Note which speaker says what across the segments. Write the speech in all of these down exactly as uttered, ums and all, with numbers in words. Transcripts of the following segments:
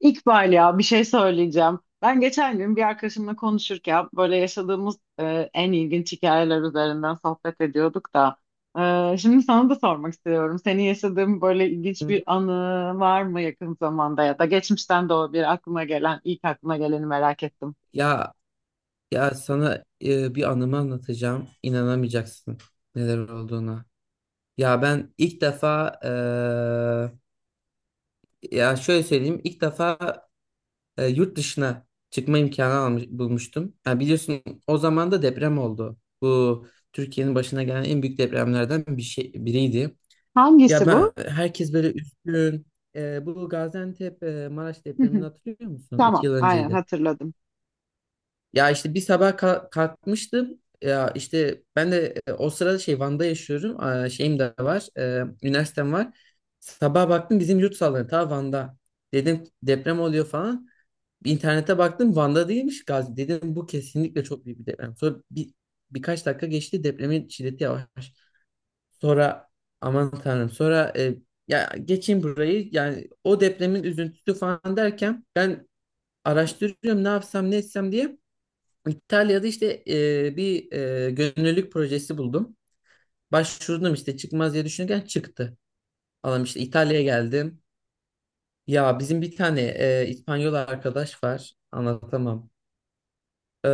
Speaker 1: İkbal, ya bir şey söyleyeceğim. Ben geçen gün bir arkadaşımla konuşurken böyle yaşadığımız e, en ilginç hikayeler üzerinden sohbet ediyorduk da. E, şimdi sana da sormak istiyorum. Senin yaşadığın böyle
Speaker 2: Hı
Speaker 1: ilginç bir
Speaker 2: hı.
Speaker 1: anı var mı yakın zamanda ya da geçmişten de olabilir, aklına gelen ilk aklına geleni merak ettim.
Speaker 2: Ya ya sana e, bir anımı anlatacağım. İnanamayacaksın neler olduğuna. Ya ben ilk defa e, ya şöyle söyleyeyim. İlk defa e, yurt dışına çıkma imkanı almış, bulmuştum. Ha, biliyorsun o zaman da deprem oldu. Bu Türkiye'nin başına gelen en büyük depremlerden bir şey biriydi. Ya
Speaker 1: Hangisi
Speaker 2: ben
Speaker 1: bu?
Speaker 2: herkes böyle üzgün. E, bu Gaziantep e, Maraş depremini hatırlıyor musun? İki
Speaker 1: Tamam,
Speaker 2: yıl
Speaker 1: aynen
Speaker 2: önceydi.
Speaker 1: hatırladım.
Speaker 2: Ya işte bir sabah ka- kalkmıştım. Ya işte ben de e, o sırada şey Van'da yaşıyorum. Aa, şeyim de var. E, üniversitem var. Sabah baktım bizim yurt sallanıyor. Ta Van'da. Dedim deprem oluyor falan. İnternete baktım Van'da değilmiş Gazi. Dedim bu kesinlikle çok büyük bir deprem. Sonra bir, birkaç dakika geçti depremin şiddeti yavaş. Sonra aman tanrım, sonra e, ya geçeyim burayı, yani o depremin üzüntüsü falan derken ben araştırıyorum ne yapsam ne etsem diye. İtalya'da işte e, bir e, gönüllülük projesi buldum. Başvurdum, işte çıkmaz diye düşünürken çıktı. Allah'ım, işte İtalya'ya geldim. Ya bizim bir tane e, İspanyol arkadaş var. Anlatamam. Ee,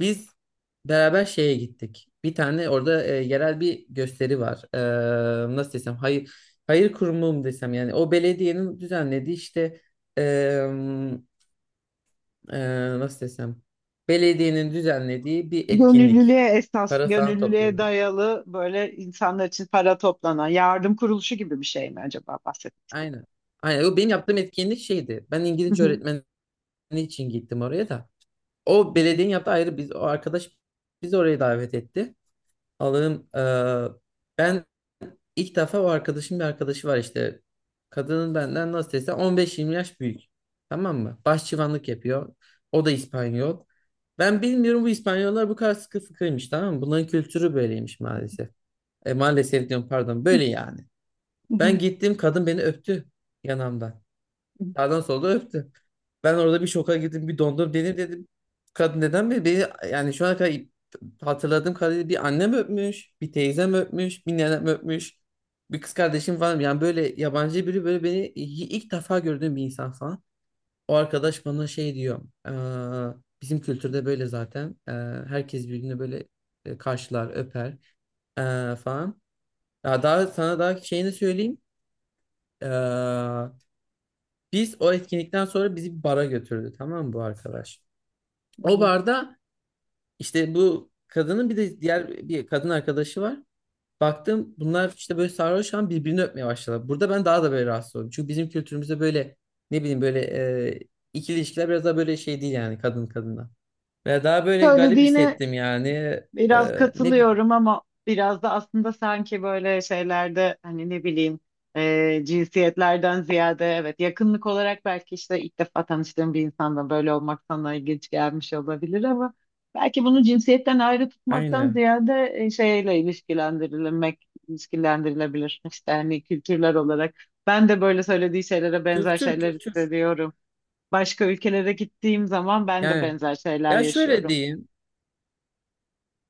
Speaker 2: Biz beraber şeye gittik. Bir tane orada e, yerel bir gösteri var. Ee, nasıl desem, hayır hayır kurumu mu desem, yani o belediyenin düzenlediği işte, e, e, nasıl desem, belediyenin düzenlediği bir etkinlik.
Speaker 1: Gönüllülüğe esas,
Speaker 2: Para falan
Speaker 1: gönüllülüğe
Speaker 2: topluyorlar.
Speaker 1: dayalı böyle insanlar için para toplanan yardım kuruluşu gibi bir şey mi acaba
Speaker 2: Aynen. Aynen. O benim yaptığım etkinlik şeydi. Ben İngilizce
Speaker 1: bahsettim?
Speaker 2: öğretmeni için gittim oraya da. O belediyenin yaptığı ayrı, biz o arkadaş bizi oraya davet etti. Alırım. Eee, ben ilk defa o arkadaşım, bir arkadaşı var işte. Kadının benden nasıl desem on beş yirmi yaş büyük. Tamam mı? Başçıvanlık yapıyor. O da İspanyol. Ben bilmiyorum, bu İspanyollar bu kadar sıkı fıkıymış, tamam mı? Bunların kültürü böyleymiş maalesef. E, maalesef diyorum pardon. Böyle yani.
Speaker 1: Hı
Speaker 2: Ben
Speaker 1: hı.
Speaker 2: gittim, kadın beni öptü yanamdan.
Speaker 1: Hı.
Speaker 2: Sağdan solda öptü. Ben orada bir şoka girdim, bir dondum. Beni, dedim, kadın neden beni, beni yani şu ana kadar hatırladığım kadarıyla bir annem öpmüş, bir teyzem öpmüş, bir nenem öpmüş, bir kız kardeşim falan. Yani böyle yabancı biri, böyle beni i- ilk defa gördüğüm bir insan falan. O arkadaş bana şey diyor, "Aa, bizim kültürde böyle zaten. Ee, herkes birbirini böyle e, karşılar, öper ee, falan." Ya daha sana daha şeyini söyleyeyim. Ee, Biz o etkinlikten sonra bizi bir bara götürdü, tamam mı bu arkadaş? O
Speaker 1: Evet.
Speaker 2: barda işte bu kadının bir de diğer bir kadın arkadaşı var. Baktım bunlar işte böyle sarhoş an birbirini öpmeye başladılar. Burada ben daha da böyle rahatsız oldum. Çünkü bizim kültürümüzde böyle, ne bileyim, böyle, e, ikili ilişkiler biraz daha böyle şey değil, yani kadın kadına. Ve daha böyle garip
Speaker 1: Söylediğine
Speaker 2: hissettim yani.
Speaker 1: biraz
Speaker 2: E, ne bileyim.
Speaker 1: katılıyorum ama biraz da aslında sanki böyle şeylerde hani ne bileyim e, cinsiyetlerden ziyade evet yakınlık olarak belki işte ilk defa tanıştığım bir insanla böyle olmak sana ilginç gelmiş olabilir ama belki bunu cinsiyetten ayrı tutmaktan
Speaker 2: Aynen.
Speaker 1: ziyade e, şeyle ilişkilendirilmek ilişkilendirilebilir işte hani kültürler olarak ben de böyle söylediği şeylere benzer
Speaker 2: Kültür
Speaker 1: şeyler
Speaker 2: kültür.
Speaker 1: hissediyorum. Başka ülkelere gittiğim zaman ben de
Speaker 2: Yani
Speaker 1: benzer şeyler
Speaker 2: ya şöyle
Speaker 1: yaşıyorum.
Speaker 2: diyeyim.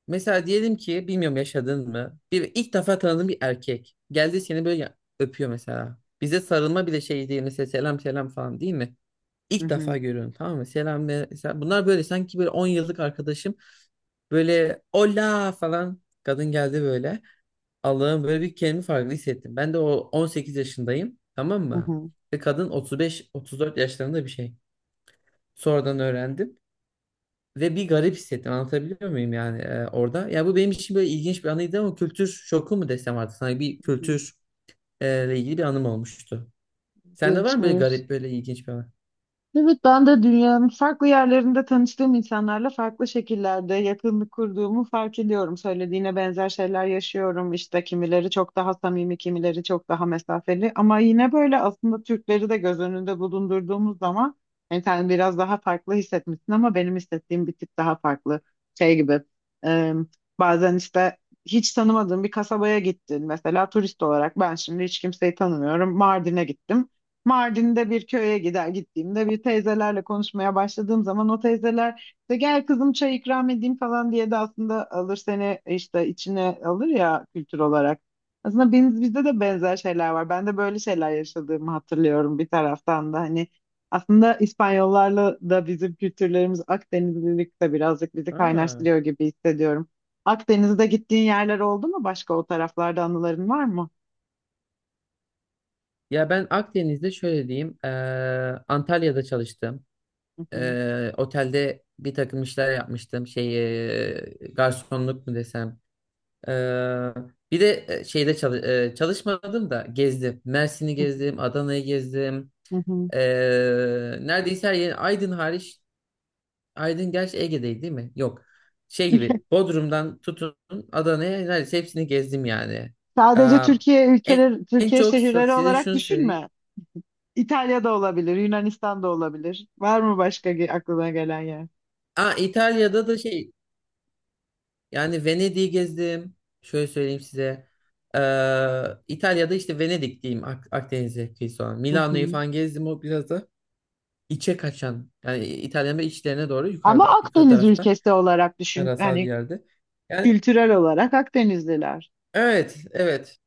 Speaker 2: Mesela diyelim ki, bilmiyorum yaşadın mı? Bir ilk defa tanıdığın bir erkek geldi seni böyle ya- öpüyor mesela. Bize sarılma bile şey değil mesela, selam selam falan değil mi?
Speaker 1: Hı
Speaker 2: İlk
Speaker 1: hı.
Speaker 2: defa görüyorum, tamam mı? Selam ve- mesela bunlar böyle sanki böyle on yıllık arkadaşım böyle ola falan, kadın geldi böyle. Allah'ım böyle, bir kendimi farklı hissettim. Ben de o on sekiz yaşındayım, tamam
Speaker 1: Hı
Speaker 2: mı?
Speaker 1: hı.
Speaker 2: Ve kadın otuz beş otuz dört yaşlarında bir şey. Sonradan öğrendim. Ve bir garip hissettim, anlatabiliyor muyum yani e, orada. Ya bu benim için böyle ilginç bir anıydı ama kültür şoku mu desem artık sana, bir
Speaker 1: Hı.
Speaker 2: kültür e, ile ilgili bir anım olmuştu. Sende var mı böyle
Speaker 1: Gençmiş.
Speaker 2: garip, böyle ilginç bir anı?
Speaker 1: Evet, ben de dünyanın farklı yerlerinde tanıştığım insanlarla farklı şekillerde yakınlık kurduğumu fark ediyorum. Söylediğine benzer şeyler yaşıyorum. İşte kimileri çok daha samimi, kimileri çok daha mesafeli. Ama yine böyle aslında Türkleri de göz önünde bulundurduğumuz zaman yani sen biraz daha farklı hissetmişsin ama benim hissettiğim bir tık daha farklı. Şey gibi, e, bazen işte hiç tanımadığım bir kasabaya gittin. Mesela turist olarak ben şimdi hiç kimseyi tanımıyorum. Mardin'e gittim. Mardin'de bir köye gider gittiğimde bir teyzelerle konuşmaya başladığım zaman o teyzeler işte gel kızım çay ikram edeyim falan diye de aslında alır seni işte içine alır ya, kültür olarak. Aslında biz, bizde de benzer şeyler var. Ben de böyle şeyler yaşadığımı hatırlıyorum bir taraftan da hani aslında İspanyollarla da bizim kültürlerimiz Akdenizlilik de birazcık bizi
Speaker 2: Ha.
Speaker 1: kaynaştırıyor gibi hissediyorum. Akdeniz'de gittiğin yerler oldu mu? Başka o taraflarda anıların var mı?
Speaker 2: Ya ben Akdeniz'de şöyle diyeyim, e, Antalya'da çalıştım.
Speaker 1: Hı hı.
Speaker 2: E, otelde bir takım işler yapmıştım, şey, e, garsonluk mu desem. E, bir de e, şeyde çalı- e, çalışmadım da gezdim. Mersin'i
Speaker 1: Hı hı.
Speaker 2: gezdim, Adana'yı gezdim.
Speaker 1: Hı hı.
Speaker 2: Ee, neredeyse her yer, Aydın hariç. Aydın gerçi Ege'deydi değil mi? Yok. Şey gibi, Bodrum'dan tutun Adana'ya neredeyse hepsini gezdim yani.
Speaker 1: Sadece
Speaker 2: Aa,
Speaker 1: Türkiye
Speaker 2: en,
Speaker 1: ülkeleri,
Speaker 2: en
Speaker 1: Türkiye
Speaker 2: çok sa-
Speaker 1: şehirleri
Speaker 2: size
Speaker 1: olarak
Speaker 2: şunu söyleyeyim.
Speaker 1: düşünme. İtalya'da olabilir, Yunanistan'da olabilir. Var mı başka ge- aklına gelen yer?
Speaker 2: Aa, İtalya'da da şey, yani Venedik'i gezdim. Şöyle söyleyeyim size. Ee, İtalya'da işte Venedik diyeyim, Ak Akdeniz'e kıyısı olan.
Speaker 1: Hı
Speaker 2: Milano'yu
Speaker 1: hı.
Speaker 2: falan gezdim, o biraz da içe kaçan. Yani İtalya'nın böyle içlerine doğru,
Speaker 1: Ama
Speaker 2: yukarıda yukarı
Speaker 1: Akdeniz
Speaker 2: tarafta
Speaker 1: ülkesi olarak düşün.
Speaker 2: karasal bir
Speaker 1: Hani
Speaker 2: yerde. Yani
Speaker 1: kültürel olarak Akdenizliler.
Speaker 2: evet, evet.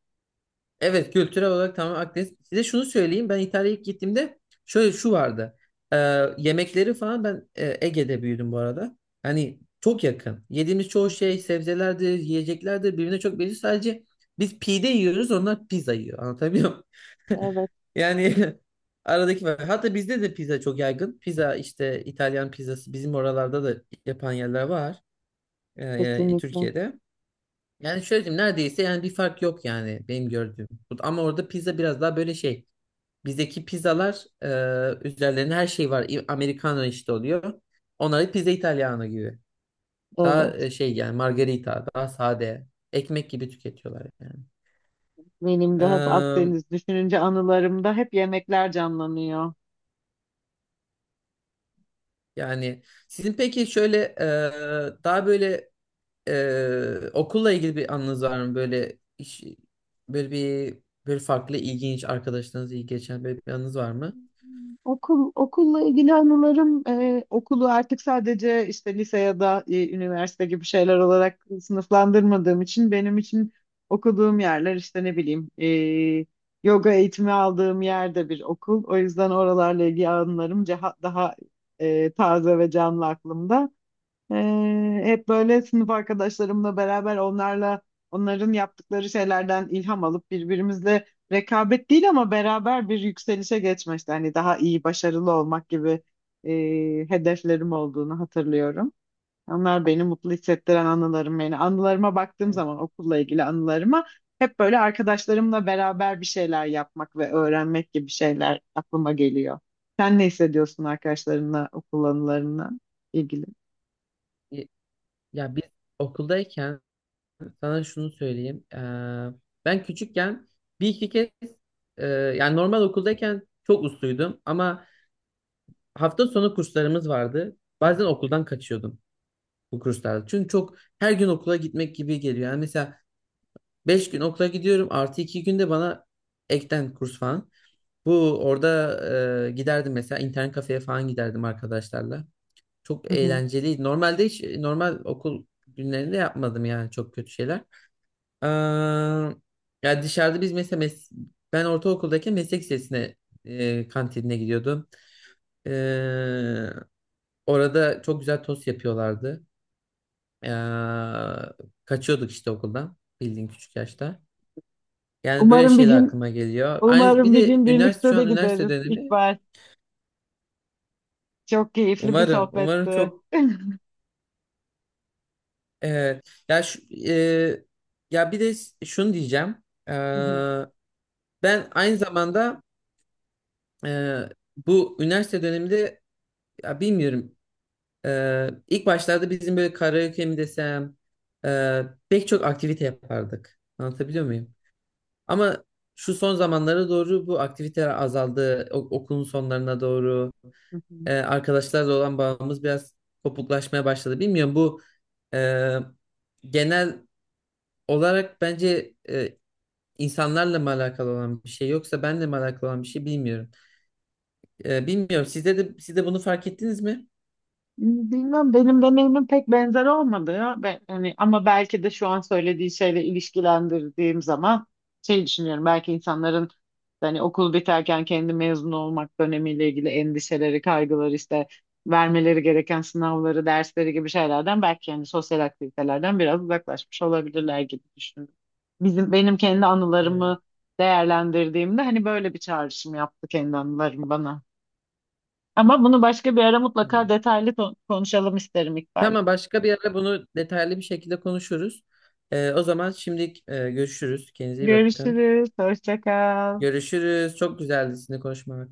Speaker 2: Evet, kültürel olarak tamamen Akdeniz. Size şunu söyleyeyim. Ben İtalya'ya ilk gittiğimde şöyle şu vardı. Ee, Yemekleri falan, ben e, Ege'de büyüdüm bu arada. Hani çok yakın. Yediğimiz çoğu şey sebzelerdir, yiyeceklerdir. Birbirine çok benziyor. Sadece biz pide yiyoruz, onlar pizza yiyor. Anlatabiliyor muyum?
Speaker 1: Evet,
Speaker 2: Yani aradaki var. Hatta bizde de pizza çok yaygın. Pizza işte, İtalyan pizzası, bizim oralarda da yapan yerler var. Ee, yani
Speaker 1: kesinlikle.
Speaker 2: Türkiye'de. Yani şöyle diyeyim, neredeyse yani bir fark yok, yani benim gördüğüm. Bu- Ama orada pizza biraz daha böyle şey. Bizdeki pizzalar, e, üzerlerine her şey var. İ- Americano işte oluyor. Onları pizza italiano gibi. Daha
Speaker 1: Evet.
Speaker 2: e, şey, yani margarita daha sade. Ekmek gibi tüketiyorlar yani.
Speaker 1: Benim de hep
Speaker 2: Eee,
Speaker 1: Akdeniz düşününce anılarımda hep yemekler canlanıyor.
Speaker 2: Yani sizin peki şöyle, e, daha böyle Ee, okulla ilgili bir anınız var mı? Böyle iş, böyle bir, böyle farklı ilginç arkadaşlarınız, iyi geçen böyle bir anınız var mı?
Speaker 1: Okul, okulla ilgili anılarım, e, okulu artık sadece işte lise ya da e, üniversite gibi şeyler olarak sınıflandırmadığım için benim için okuduğum yerler işte ne bileyim, e, yoga eğitimi aldığım yer de bir okul. O yüzden oralarla ilgili anılarım ceha- daha e, taze ve canlı aklımda. Ee, hep böyle sınıf arkadaşlarımla beraber onlarla onların yaptıkları şeylerden ilham alıp birbirimizle rekabet değil ama beraber bir yükselişe geçme işte hani daha iyi başarılı olmak gibi e, hedeflerim olduğunu hatırlıyorum. Onlar beni mutlu hissettiren anılarım, yani anılarıma baktığım
Speaker 2: Evet.
Speaker 1: zaman okulla ilgili anılarıma hep böyle arkadaşlarımla beraber bir şeyler yapmak ve öğrenmek gibi şeyler aklıma geliyor. Sen ne hissediyorsun arkadaşlarınla okul anılarına ilgili?
Speaker 2: Y- Ya biz okuldayken sana şunu söyleyeyim. Ee, ben küçükken bir iki kez e, yani normal okuldayken çok usluydum ama hafta sonu kurslarımız vardı. Bazen okuldan kaçıyordum. Bu kurslarda. Çünkü çok, her gün okula gitmek gibi geliyor. Yani mesela beş gün okula gidiyorum, artı iki günde bana ekten kurs falan. Bu orada e, giderdim mesela, internet kafeye falan giderdim arkadaşlarla. Çok eğlenceliydi. Normalde hiç normal okul günlerinde yapmadım yani çok kötü şeyler. Aa, ya dışarıda biz mesela, mes ben ortaokuldayken meslek lisesine e, kantinine gidiyordum. Ee, Orada çok güzel tost yapıyorlardı. Ee, Kaçıyorduk işte okuldan, bildiğin küçük yaşta. Yani böyle
Speaker 1: Umarım bir
Speaker 2: şeyler
Speaker 1: gün,
Speaker 2: aklıma geliyor. Aynı bir
Speaker 1: umarım bir
Speaker 2: de
Speaker 1: gün
Speaker 2: üniversite,
Speaker 1: birlikte
Speaker 2: şu
Speaker 1: de
Speaker 2: an üniversite
Speaker 1: gideriz
Speaker 2: dönemi.
Speaker 1: İkbal. Çok keyifli bir
Speaker 2: Umarım umarım
Speaker 1: sohbetti.
Speaker 2: çok, e, ya şu, e, ya bir de şunu diyeceğim. Ee, ben aynı zamanda e, bu üniversite döneminde, ya bilmiyorum, e, ilk başlarda bizim böyle karaoke mi desem, e, pek çok aktivite yapardık. Anlatabiliyor muyum? Ama şu son zamanlara doğru bu aktiviteler azaldı. O- okulun sonlarına doğru e, arkadaşlarla olan bağımız biraz kopuklaşmaya başladı. Bilmiyorum bu e, genel olarak, bence e, insanlarla mı alakalı olan bir şey yoksa benle mi alakalı olan bir şey bilmiyorum. Ee, bilmiyorum. Sizde de siz de bunu fark ettiniz mi?
Speaker 1: Bilmem, benim deneyimim pek benzer olmadı ya. Ben, hani, ama belki de şu an söylediği şeyle ilişkilendirdiğim zaman şey düşünüyorum. Belki insanların hani okul biterken kendi mezun olmak dönemiyle ilgili endişeleri, kaygıları işte vermeleri gereken sınavları, dersleri gibi şeylerden belki yani sosyal aktivitelerden biraz uzaklaşmış olabilirler gibi düşündüm. Bizim, benim kendi
Speaker 2: Evet,
Speaker 1: anılarımı değerlendirdiğimde hani böyle bir çağrışım yaptı kendi anılarım bana. Ama bunu başka bir ara mutlaka
Speaker 2: tamam.
Speaker 1: detaylı ko- konuşalım isterim İkbal.
Speaker 2: Tamam, başka bir ara bunu detaylı bir şekilde konuşuruz. Ee, o zaman şimdilik e, görüşürüz. Kendinize iyi bakın.
Speaker 1: Görüşürüz. Hoşça kal.
Speaker 2: Görüşürüz. Çok güzeldi sizinle konuşmak.